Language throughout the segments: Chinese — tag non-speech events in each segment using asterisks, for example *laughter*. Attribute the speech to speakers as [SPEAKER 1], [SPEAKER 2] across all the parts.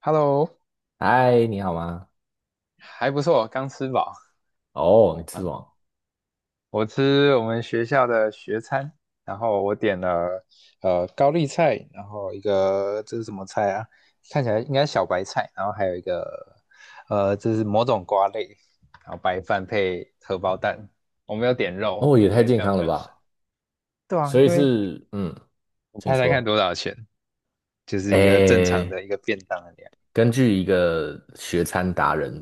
[SPEAKER 1] Hello，
[SPEAKER 2] 嗨，你好吗？
[SPEAKER 1] 还不错，刚吃饱
[SPEAKER 2] 哦，你吃什
[SPEAKER 1] 啊。
[SPEAKER 2] 么？
[SPEAKER 1] 我吃我们学校的学餐，然后我点了高丽菜，然后一个这是什么菜啊？看起来应该小白菜，然后还有一个这是某种瓜类，然后白饭配荷包蛋。我没有点肉，
[SPEAKER 2] 哦，也
[SPEAKER 1] 因
[SPEAKER 2] 太
[SPEAKER 1] 为
[SPEAKER 2] 健
[SPEAKER 1] 这样
[SPEAKER 2] 康
[SPEAKER 1] 比较
[SPEAKER 2] 了
[SPEAKER 1] 省。
[SPEAKER 2] 吧！
[SPEAKER 1] 对啊，
[SPEAKER 2] 所以
[SPEAKER 1] 因为
[SPEAKER 2] 是，
[SPEAKER 1] 你
[SPEAKER 2] 请
[SPEAKER 1] 猜猜看
[SPEAKER 2] 说。
[SPEAKER 1] 多少钱？就是一个正常
[SPEAKER 2] 诶，
[SPEAKER 1] 的一个便当的量。
[SPEAKER 2] 根据一个学餐达人，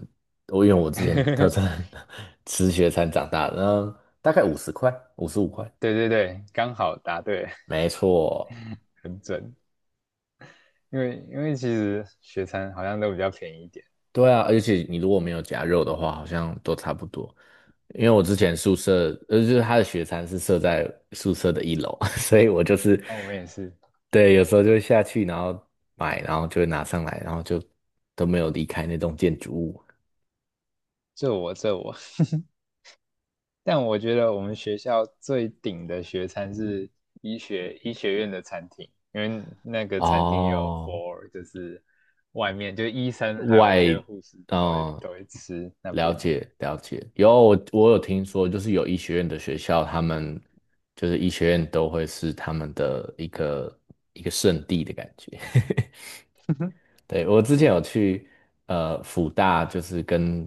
[SPEAKER 2] 因为我之前特
[SPEAKER 1] *laughs*
[SPEAKER 2] 餐 *laughs* 吃学餐长大的，大概50块，55块，
[SPEAKER 1] 对对对，刚好答对，
[SPEAKER 2] 没错。
[SPEAKER 1] 很准。因为其实学餐好像都比较便宜一点，
[SPEAKER 2] 对啊，而且你如果没有夹肉的话，好像都差不多。因为我之前宿舍，就是他的学餐是设在宿舍的一楼，*laughs* 所以我就是，
[SPEAKER 1] 那我们也是
[SPEAKER 2] 对，有时候就会下去，然后买，然后就会拿上来，然后就都没有离开那栋建筑物。
[SPEAKER 1] 这我这我，*laughs* 但我觉得我们学校最顶的学餐是医学院的餐厅，因为那个餐厅有
[SPEAKER 2] 哦，
[SPEAKER 1] for 就是外面就是医生还有一
[SPEAKER 2] 外，
[SPEAKER 1] 些护士都会
[SPEAKER 2] 嗯，
[SPEAKER 1] 都会吃那
[SPEAKER 2] 了
[SPEAKER 1] 边的，
[SPEAKER 2] 解了解。我有听说，就是有医学院的学校，他们就是医学院都会是他们的一个圣地的感觉。*laughs*
[SPEAKER 1] *laughs*
[SPEAKER 2] 对，我之前有去福大，就是跟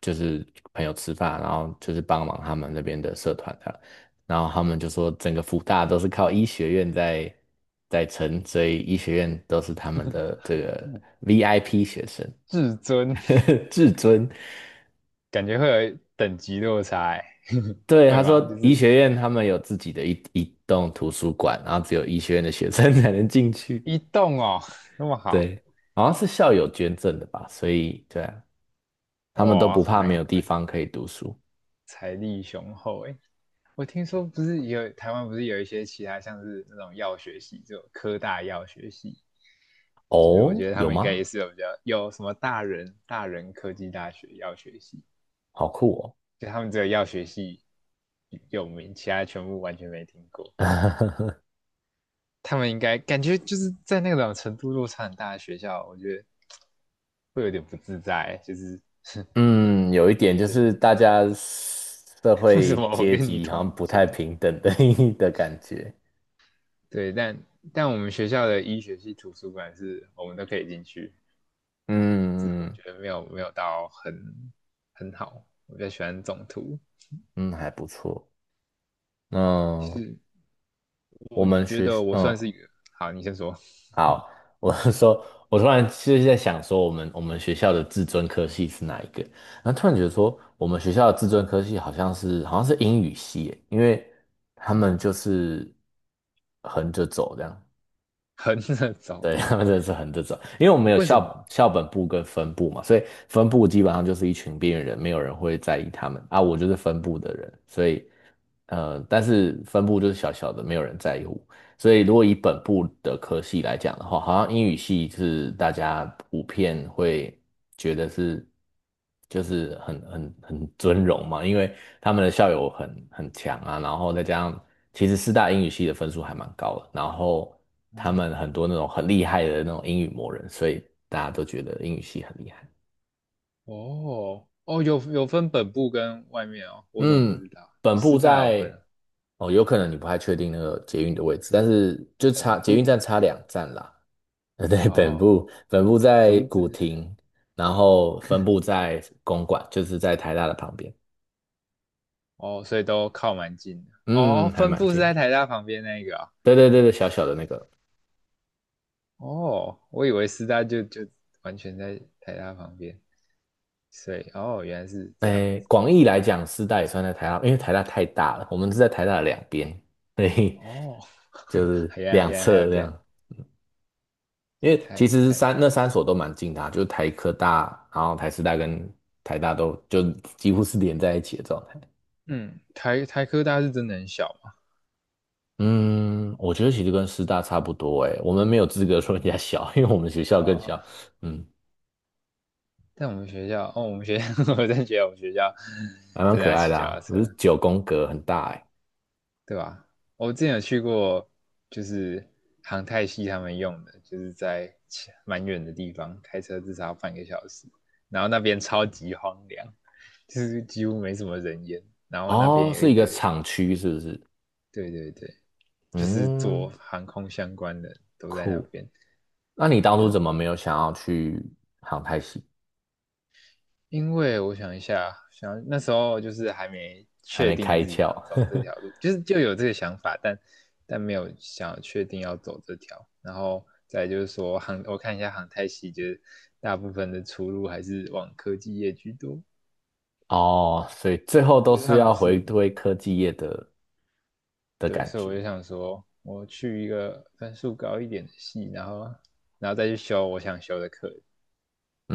[SPEAKER 2] 就是朋友吃饭，然后就是帮忙他们那边的社团的，然后他们就说整个福大都是靠医学院在撑，所以医学院都是他们的这个 VIP 学生，
[SPEAKER 1] 至尊
[SPEAKER 2] *laughs* 至尊。
[SPEAKER 1] 感觉会有等级落差欸，*laughs*
[SPEAKER 2] 对，
[SPEAKER 1] 会
[SPEAKER 2] 他说
[SPEAKER 1] 吗？就
[SPEAKER 2] 医
[SPEAKER 1] 是
[SPEAKER 2] 学院他们有自己的一栋图书馆，然后只有医学院的学生 *laughs* 才能进去。
[SPEAKER 1] 一栋哦那么好，
[SPEAKER 2] 对，好像是校友捐赠的吧，所以对啊，他们都
[SPEAKER 1] 哇，
[SPEAKER 2] 不怕没
[SPEAKER 1] 难
[SPEAKER 2] 有地
[SPEAKER 1] 怪
[SPEAKER 2] 方可以读书。
[SPEAKER 1] 财力雄厚哎。欸我听说不是有台湾不是有一些其他像是那种药学系，就科大药学系，就是我
[SPEAKER 2] 哦，
[SPEAKER 1] 觉得他
[SPEAKER 2] 有
[SPEAKER 1] 们应该也
[SPEAKER 2] 吗？
[SPEAKER 1] 是有比较有什么大人科技大学药学系，
[SPEAKER 2] 好酷哦。
[SPEAKER 1] 就他们只有药学系有名，其他全部完全没听过。
[SPEAKER 2] *laughs*
[SPEAKER 1] 他们应该感觉就是在那种程度落差很大的学校，我觉得会有点不自在，就是
[SPEAKER 2] 嗯，有一点
[SPEAKER 1] *laughs*
[SPEAKER 2] 就
[SPEAKER 1] 觉得
[SPEAKER 2] 是大家社
[SPEAKER 1] 为什
[SPEAKER 2] 会
[SPEAKER 1] 么我
[SPEAKER 2] 阶
[SPEAKER 1] 跟你
[SPEAKER 2] 级好
[SPEAKER 1] 同
[SPEAKER 2] 像
[SPEAKER 1] 一
[SPEAKER 2] 不
[SPEAKER 1] 间？
[SPEAKER 2] 太平等的 *laughs* 的感觉。
[SPEAKER 1] 对，但我们学校的医学系图书馆是我们都可以进去，只是
[SPEAKER 2] 嗯
[SPEAKER 1] 我
[SPEAKER 2] 嗯
[SPEAKER 1] 觉得没有到很好，我比较喜欢总图。
[SPEAKER 2] 嗯，还不错。嗯，
[SPEAKER 1] 是
[SPEAKER 2] 我
[SPEAKER 1] 我
[SPEAKER 2] 们
[SPEAKER 1] 觉
[SPEAKER 2] 学，
[SPEAKER 1] 得我算是一个，好，你先说，
[SPEAKER 2] 好，我是说，我突然就是在想说，我们学校的自尊科系是哪一个？然后突然觉得说，我们学校的自尊科系好像是英语系耶，因为他
[SPEAKER 1] 什
[SPEAKER 2] 们就
[SPEAKER 1] 么？
[SPEAKER 2] 是横着走这样。
[SPEAKER 1] *laughs* 横着走，
[SPEAKER 2] 对，*laughs* 他们真的是很这种，因为我们有
[SPEAKER 1] 为什
[SPEAKER 2] 校
[SPEAKER 1] 么？
[SPEAKER 2] 校本部跟分部嘛，所以分部基本上就是一群边缘人，没有人会在意他们啊。我就是分部的人，所以但是分部就是小小的，没有人在乎。所以如果以本部的科系来讲的话，好像英语系是大家普遍会觉得是就是很尊荣嘛，因为他们的校友很强啊，然后再加上其实四大英语系的分数还蛮高的，然后他
[SPEAKER 1] 哦
[SPEAKER 2] 们很多那种很厉害的那种英语魔人，所以大家都觉得英语系很厉害。
[SPEAKER 1] 哦哦，有分本部跟外面哦，我怎么不
[SPEAKER 2] 嗯，
[SPEAKER 1] 知道？
[SPEAKER 2] 本部
[SPEAKER 1] 师大有分
[SPEAKER 2] 在
[SPEAKER 1] 啊
[SPEAKER 2] 哦，有可能你不太确定那个捷运的位置，但是就
[SPEAKER 1] 本
[SPEAKER 2] 差捷运
[SPEAKER 1] 部
[SPEAKER 2] 站差2站啦。*laughs* 对，本
[SPEAKER 1] 哦，
[SPEAKER 2] 部本部在
[SPEAKER 1] 竹子
[SPEAKER 2] 古亭，然后分部在公馆，就是在台大的旁边。
[SPEAKER 1] 哦，所以都靠蛮近的。哦哦
[SPEAKER 2] 嗯，还
[SPEAKER 1] 分
[SPEAKER 2] 蛮
[SPEAKER 1] 部是
[SPEAKER 2] 近
[SPEAKER 1] 在
[SPEAKER 2] 的。
[SPEAKER 1] 台大旁边那一个啊
[SPEAKER 2] 对对对对，小小的那个。
[SPEAKER 1] 哦，我以为师大就完全在台大旁边，所以哦，原来是这样。
[SPEAKER 2] 诶，广义来讲，师大也算在台大，因为台大太大了，我们是在台大的两边，所以
[SPEAKER 1] 哦，
[SPEAKER 2] 就
[SPEAKER 1] *laughs*
[SPEAKER 2] 是两
[SPEAKER 1] 原来还有
[SPEAKER 2] 侧这
[SPEAKER 1] 这样，
[SPEAKER 2] 样。因为
[SPEAKER 1] 太
[SPEAKER 2] 其实
[SPEAKER 1] 太，
[SPEAKER 2] 那三所都蛮近的啊就是台科大，然后台师大跟台大都就几乎是连在一起的状态。
[SPEAKER 1] 嗯，台科大是真的很小嘛，
[SPEAKER 2] 嗯，我觉得其实跟师大差不多诶，我们没有资格说人家小，因为我们学校更小。
[SPEAKER 1] 啊、
[SPEAKER 2] 嗯，
[SPEAKER 1] 在我们学校，哦，我们学校，*laughs* 我真觉得我们学校
[SPEAKER 2] 还蛮
[SPEAKER 1] 真的
[SPEAKER 2] 可
[SPEAKER 1] 要
[SPEAKER 2] 爱
[SPEAKER 1] 骑
[SPEAKER 2] 的
[SPEAKER 1] 脚踏
[SPEAKER 2] 啊，不
[SPEAKER 1] 车，
[SPEAKER 2] 是九宫格很大诶。
[SPEAKER 1] 对吧？我之前有去过，就是航太系他们用的，就是在蛮远的地方，开车至少要半个小时，然后那边超级荒凉，就是几乎没什么人烟，然后那边
[SPEAKER 2] 哦，
[SPEAKER 1] 有
[SPEAKER 2] 是
[SPEAKER 1] 一
[SPEAKER 2] 一个
[SPEAKER 1] 堆，
[SPEAKER 2] 厂区是不是？
[SPEAKER 1] 对对对，就是做
[SPEAKER 2] 嗯，
[SPEAKER 1] 航空相关的都在那
[SPEAKER 2] 酷。
[SPEAKER 1] 边，
[SPEAKER 2] 那你当
[SPEAKER 1] 觉
[SPEAKER 2] 初
[SPEAKER 1] 得
[SPEAKER 2] 怎么
[SPEAKER 1] 我，
[SPEAKER 2] 没有想要去航太系？
[SPEAKER 1] 因为我想一下，想那时候就是还没
[SPEAKER 2] 还
[SPEAKER 1] 确
[SPEAKER 2] 没
[SPEAKER 1] 定
[SPEAKER 2] 开
[SPEAKER 1] 自己
[SPEAKER 2] 窍
[SPEAKER 1] 想走这条路，就是就有这个想法，但没有想要确定要走这条。然后再就是说航，我看一下航太系，就是大部分的出路还是往科技业居多，
[SPEAKER 2] *laughs* 哦，所以最后都
[SPEAKER 1] 就是
[SPEAKER 2] 是
[SPEAKER 1] 他们
[SPEAKER 2] 要回
[SPEAKER 1] 是
[SPEAKER 2] 归科技业的
[SPEAKER 1] 对，
[SPEAKER 2] 感
[SPEAKER 1] 所以
[SPEAKER 2] 觉。
[SPEAKER 1] 我就想说，我去一个分数高一点的系，然后再去修我想修的课。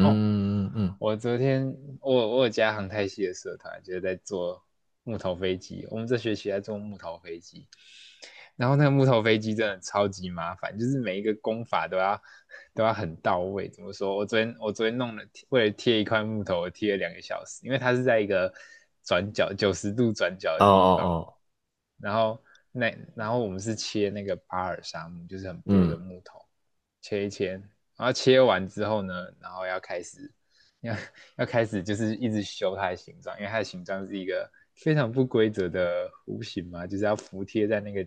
[SPEAKER 1] 哦，
[SPEAKER 2] 嗯，
[SPEAKER 1] 我昨天我有加航太系的社团，就是在做木头飞机。我们这学期在做木头飞机，然后那个木头飞机真的超级麻烦，就是每一个工法都要很到位。怎么说？我昨天弄了，为了贴一块木头，我贴了两个小时，因为它是在一个转角90度转角
[SPEAKER 2] 哦
[SPEAKER 1] 的地方，
[SPEAKER 2] 哦哦，
[SPEAKER 1] 然后我们是切那个巴尔沙木，就是很薄
[SPEAKER 2] 嗯
[SPEAKER 1] 的木头，切一切，然后切完之后呢，然后要开始。要要开始就是一直修它的形状，因为它的形状是一个非常不规则的弧形嘛，就是要服贴在那个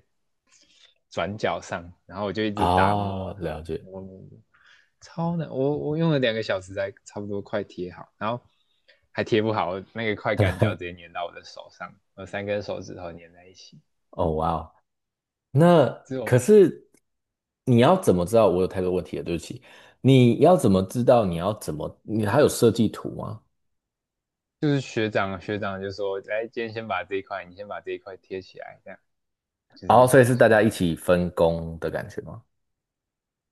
[SPEAKER 1] 转角上，然后我就一直打磨，
[SPEAKER 2] 哦，了解。
[SPEAKER 1] 磨磨磨，超难，我用了两个小时才差不多快贴好，然后还贴不好，那个快干胶直接粘到我的手上，我3根手指头粘在一起，
[SPEAKER 2] 哦哇哦，那
[SPEAKER 1] 之
[SPEAKER 2] 可
[SPEAKER 1] 后
[SPEAKER 2] 是你要怎么知道？我有太多问题了，对不起。你要怎么知道？你要怎么？你还有设计图吗？
[SPEAKER 1] 就是学长就说，来今天先把这一块，你先把这一块贴起来，这样就
[SPEAKER 2] 哦，
[SPEAKER 1] 是
[SPEAKER 2] 所以是大
[SPEAKER 1] 先
[SPEAKER 2] 家
[SPEAKER 1] 把
[SPEAKER 2] 一起分工的感觉吗？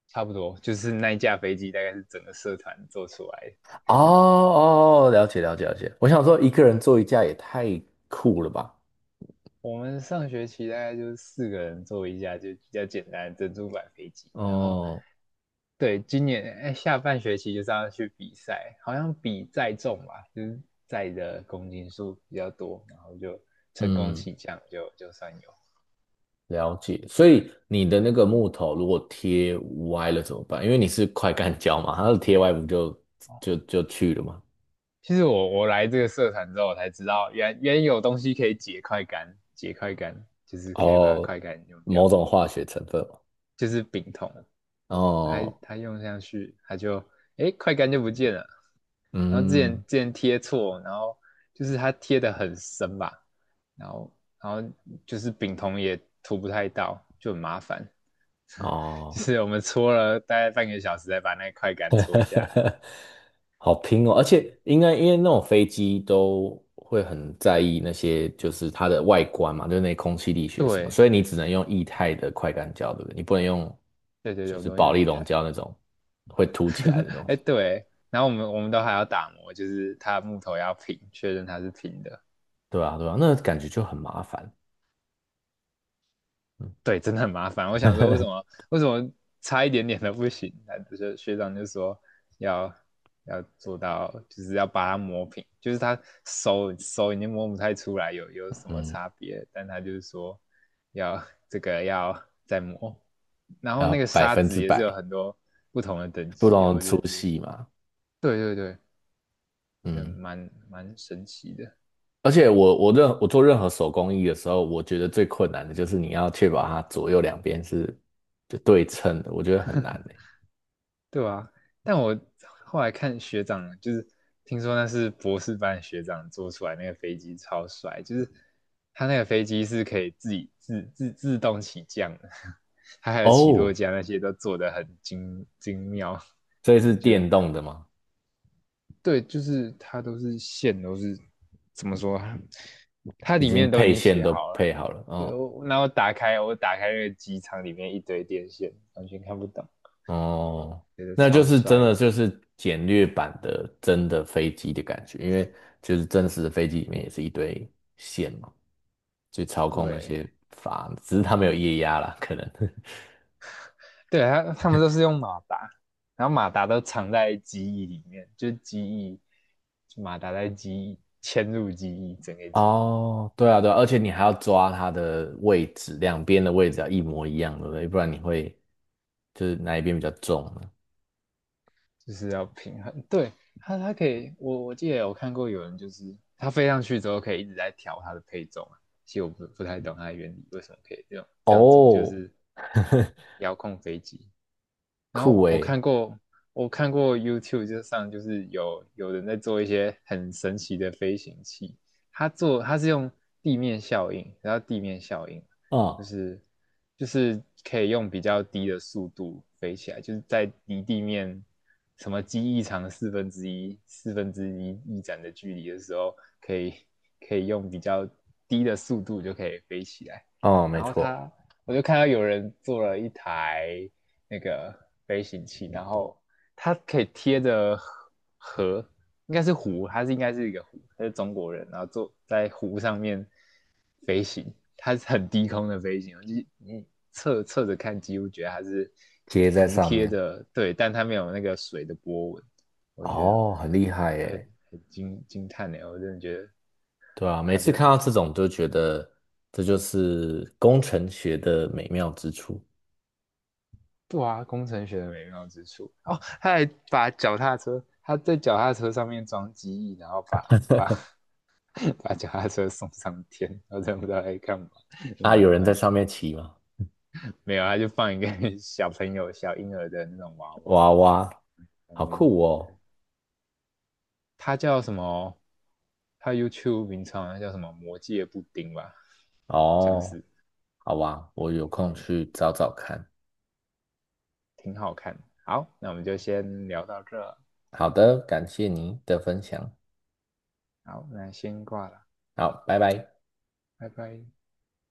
[SPEAKER 1] 差不多，就是那一架飞机大概是整个社团做出来的。
[SPEAKER 2] 哦哦，哦了解了解了解。我想说，一个人做一架也太酷了吧？
[SPEAKER 1] 我们上学期大概就是4个人坐一架，就比较简单的珍珠板飞机。然后，
[SPEAKER 2] 哦，
[SPEAKER 1] 对，今年哎、下半学期就是要去比赛，好像比载重吧，就是载的公斤数比较多，然后就成功
[SPEAKER 2] 嗯，
[SPEAKER 1] 起降，就算有。
[SPEAKER 2] 了解。所以你的那个木头如果贴歪了怎么办？因为你是快干胶嘛，它贴歪不就
[SPEAKER 1] 哦，
[SPEAKER 2] 就就去了吗？
[SPEAKER 1] 其实我来这个社团之后，我才知道原有东西可以解快杆，解快杆就是可以把它
[SPEAKER 2] 哦，
[SPEAKER 1] 快杆用掉。
[SPEAKER 2] 某种化学成分嘛。
[SPEAKER 1] 就是丙酮，
[SPEAKER 2] 哦，
[SPEAKER 1] 他用上去，他就哎快干就不见了。然后
[SPEAKER 2] 嗯，
[SPEAKER 1] 之前贴错，然后就是他贴的很深吧，然后然后就是丙酮也涂不太到，就很麻烦。就
[SPEAKER 2] 哦，
[SPEAKER 1] 是我们搓了大概半个小时，才把那块干搓下来。
[SPEAKER 2] *laughs* 好拼哦，而且应该因为那种飞机都会很在意那些就是它的外观嘛，就是那空气力学什么，
[SPEAKER 1] 对
[SPEAKER 2] 所以你只能用液态的快干胶，对不对？你不能用
[SPEAKER 1] 对对对，
[SPEAKER 2] 就
[SPEAKER 1] 我
[SPEAKER 2] 是
[SPEAKER 1] 都
[SPEAKER 2] 保
[SPEAKER 1] 用
[SPEAKER 2] 利
[SPEAKER 1] 一
[SPEAKER 2] 龙
[SPEAKER 1] 台。
[SPEAKER 2] 胶那种会凸起来的
[SPEAKER 1] *laughs*
[SPEAKER 2] 东
[SPEAKER 1] 哎
[SPEAKER 2] 西。
[SPEAKER 1] 对，然后我们都还要打磨，就是它的木头要平，确认它是平的。
[SPEAKER 2] 对啊，对啊，那感觉就很麻烦。
[SPEAKER 1] 对，真的很麻烦。我想说，
[SPEAKER 2] *laughs*
[SPEAKER 1] 为什么差一点点都不行？他就是学长就说要要做到，就是要把它磨平，就是他手已经摸不太出来有什么
[SPEAKER 2] 嗯，
[SPEAKER 1] 差别，但他就是说要这个要再磨。然
[SPEAKER 2] 还
[SPEAKER 1] 后
[SPEAKER 2] 要
[SPEAKER 1] 那个
[SPEAKER 2] 百
[SPEAKER 1] 沙
[SPEAKER 2] 分
[SPEAKER 1] 子
[SPEAKER 2] 之
[SPEAKER 1] 也是有
[SPEAKER 2] 百
[SPEAKER 1] 很多不同的等
[SPEAKER 2] 不
[SPEAKER 1] 级哦，
[SPEAKER 2] 能
[SPEAKER 1] 我真
[SPEAKER 2] 粗
[SPEAKER 1] 的觉得，
[SPEAKER 2] 细嘛。
[SPEAKER 1] 对对对，就
[SPEAKER 2] 嗯，
[SPEAKER 1] 蛮神奇的。
[SPEAKER 2] 而且我做任何手工艺的时候，我觉得最困难的就是你要确保它左右两边是就对称的，我觉得很难呢。
[SPEAKER 1] 对啊，但我后来看学长，就是听说那是博士班学长做出来那个飞机超帅，就是他那个飞机是可以自己自动起降的，*laughs* 他还有起落
[SPEAKER 2] 哦，
[SPEAKER 1] 架那些都做得很精妙，
[SPEAKER 2] 这是
[SPEAKER 1] 我觉得
[SPEAKER 2] 电动的吗？
[SPEAKER 1] 对，就是它都是线都是怎么说啊它
[SPEAKER 2] 已
[SPEAKER 1] 里
[SPEAKER 2] 经
[SPEAKER 1] 面都已
[SPEAKER 2] 配
[SPEAKER 1] 经
[SPEAKER 2] 线
[SPEAKER 1] 写
[SPEAKER 2] 都
[SPEAKER 1] 好
[SPEAKER 2] 配
[SPEAKER 1] 了，
[SPEAKER 2] 好了。
[SPEAKER 1] 对，
[SPEAKER 2] 哦
[SPEAKER 1] 我打开那个机舱里面一堆电线，完全看不懂，
[SPEAKER 2] 哦，
[SPEAKER 1] 觉得
[SPEAKER 2] 那就
[SPEAKER 1] 超
[SPEAKER 2] 是真
[SPEAKER 1] 帅的，
[SPEAKER 2] 的就是简略版的真的飞机的感觉，因为就是真实的飞机里面也是一堆线嘛，去操控那
[SPEAKER 1] 对。
[SPEAKER 2] 些阀，只是它没有液压啦，可能。*laughs*
[SPEAKER 1] 对，他们都是用马达，然后马达都藏在机翼里面，就机翼，就马达在机翼嵌入机翼，整个机翼
[SPEAKER 2] 哦，对啊对啊，而且你还要抓它的位置，两边的位置要一模一样，对不对？不然你会就是哪一边比较重呢？
[SPEAKER 1] 就是要平衡。对，他可以，我记得有看过有人就是他飞上去之后可以一直在调它的配重啊，其实我不太懂它的原理为什么可以这样做，就
[SPEAKER 2] 哦，
[SPEAKER 1] 是
[SPEAKER 2] *laughs*
[SPEAKER 1] 遥控飞机。然
[SPEAKER 2] 酷
[SPEAKER 1] 后我
[SPEAKER 2] 诶，
[SPEAKER 1] 看过，我看过 YouTube 就是有人在做一些很神奇的飞行器，他是用地面效应，然后地面效应
[SPEAKER 2] 嗯，
[SPEAKER 1] 就是就是可以用比较低的速度飞起来，就是在离地面什么机翼长四分之一翼展的距离的时候，可以可以用比较低的速度就可以飞起来。
[SPEAKER 2] 哦，没
[SPEAKER 1] 然后
[SPEAKER 2] 错，
[SPEAKER 1] 我就看到有人做了一台那个飞行器，然后它可以贴着河，应该是湖，应该是一个湖，它是中国人，然后坐在湖上面飞行，它是很低空的飞行，就是你侧着看，几乎觉得它是
[SPEAKER 2] 接在
[SPEAKER 1] 服
[SPEAKER 2] 上
[SPEAKER 1] 贴
[SPEAKER 2] 面。
[SPEAKER 1] 的，对，但它没有那个水的波纹，我觉得
[SPEAKER 2] 哦，很厉害
[SPEAKER 1] 很
[SPEAKER 2] 耶。
[SPEAKER 1] 很惊叹呢，我真的觉得
[SPEAKER 2] 对啊，每
[SPEAKER 1] 它
[SPEAKER 2] 次看
[SPEAKER 1] 的
[SPEAKER 2] 到这种都觉得这就是工程学的美妙之处
[SPEAKER 1] 对啊，工程学的美妙之处哦，他还把脚踏车，他在脚踏车上面装机翼，然后把 *laughs* 把脚踏车送上天，然后真不知道在干嘛，就
[SPEAKER 2] 啊！有人在
[SPEAKER 1] 蛮，
[SPEAKER 2] 上面骑吗？
[SPEAKER 1] 没有，他就放一个小朋友小婴儿的那种娃娃
[SPEAKER 2] 哇哇，
[SPEAKER 1] 上
[SPEAKER 2] 好
[SPEAKER 1] 面，
[SPEAKER 2] 酷哦！
[SPEAKER 1] 他叫什么？他 YouTube 名称好叫什么魔界布丁吧，好像
[SPEAKER 2] 哦，
[SPEAKER 1] 是，
[SPEAKER 2] 好吧，我
[SPEAKER 1] 对，
[SPEAKER 2] 有
[SPEAKER 1] 你
[SPEAKER 2] 空
[SPEAKER 1] 看一下，
[SPEAKER 2] 去找找看。
[SPEAKER 1] 挺好看的好，那我们就先聊到这，
[SPEAKER 2] 好的，感谢您的分享，
[SPEAKER 1] 好，那先挂了，
[SPEAKER 2] 好，拜拜。
[SPEAKER 1] 拜拜。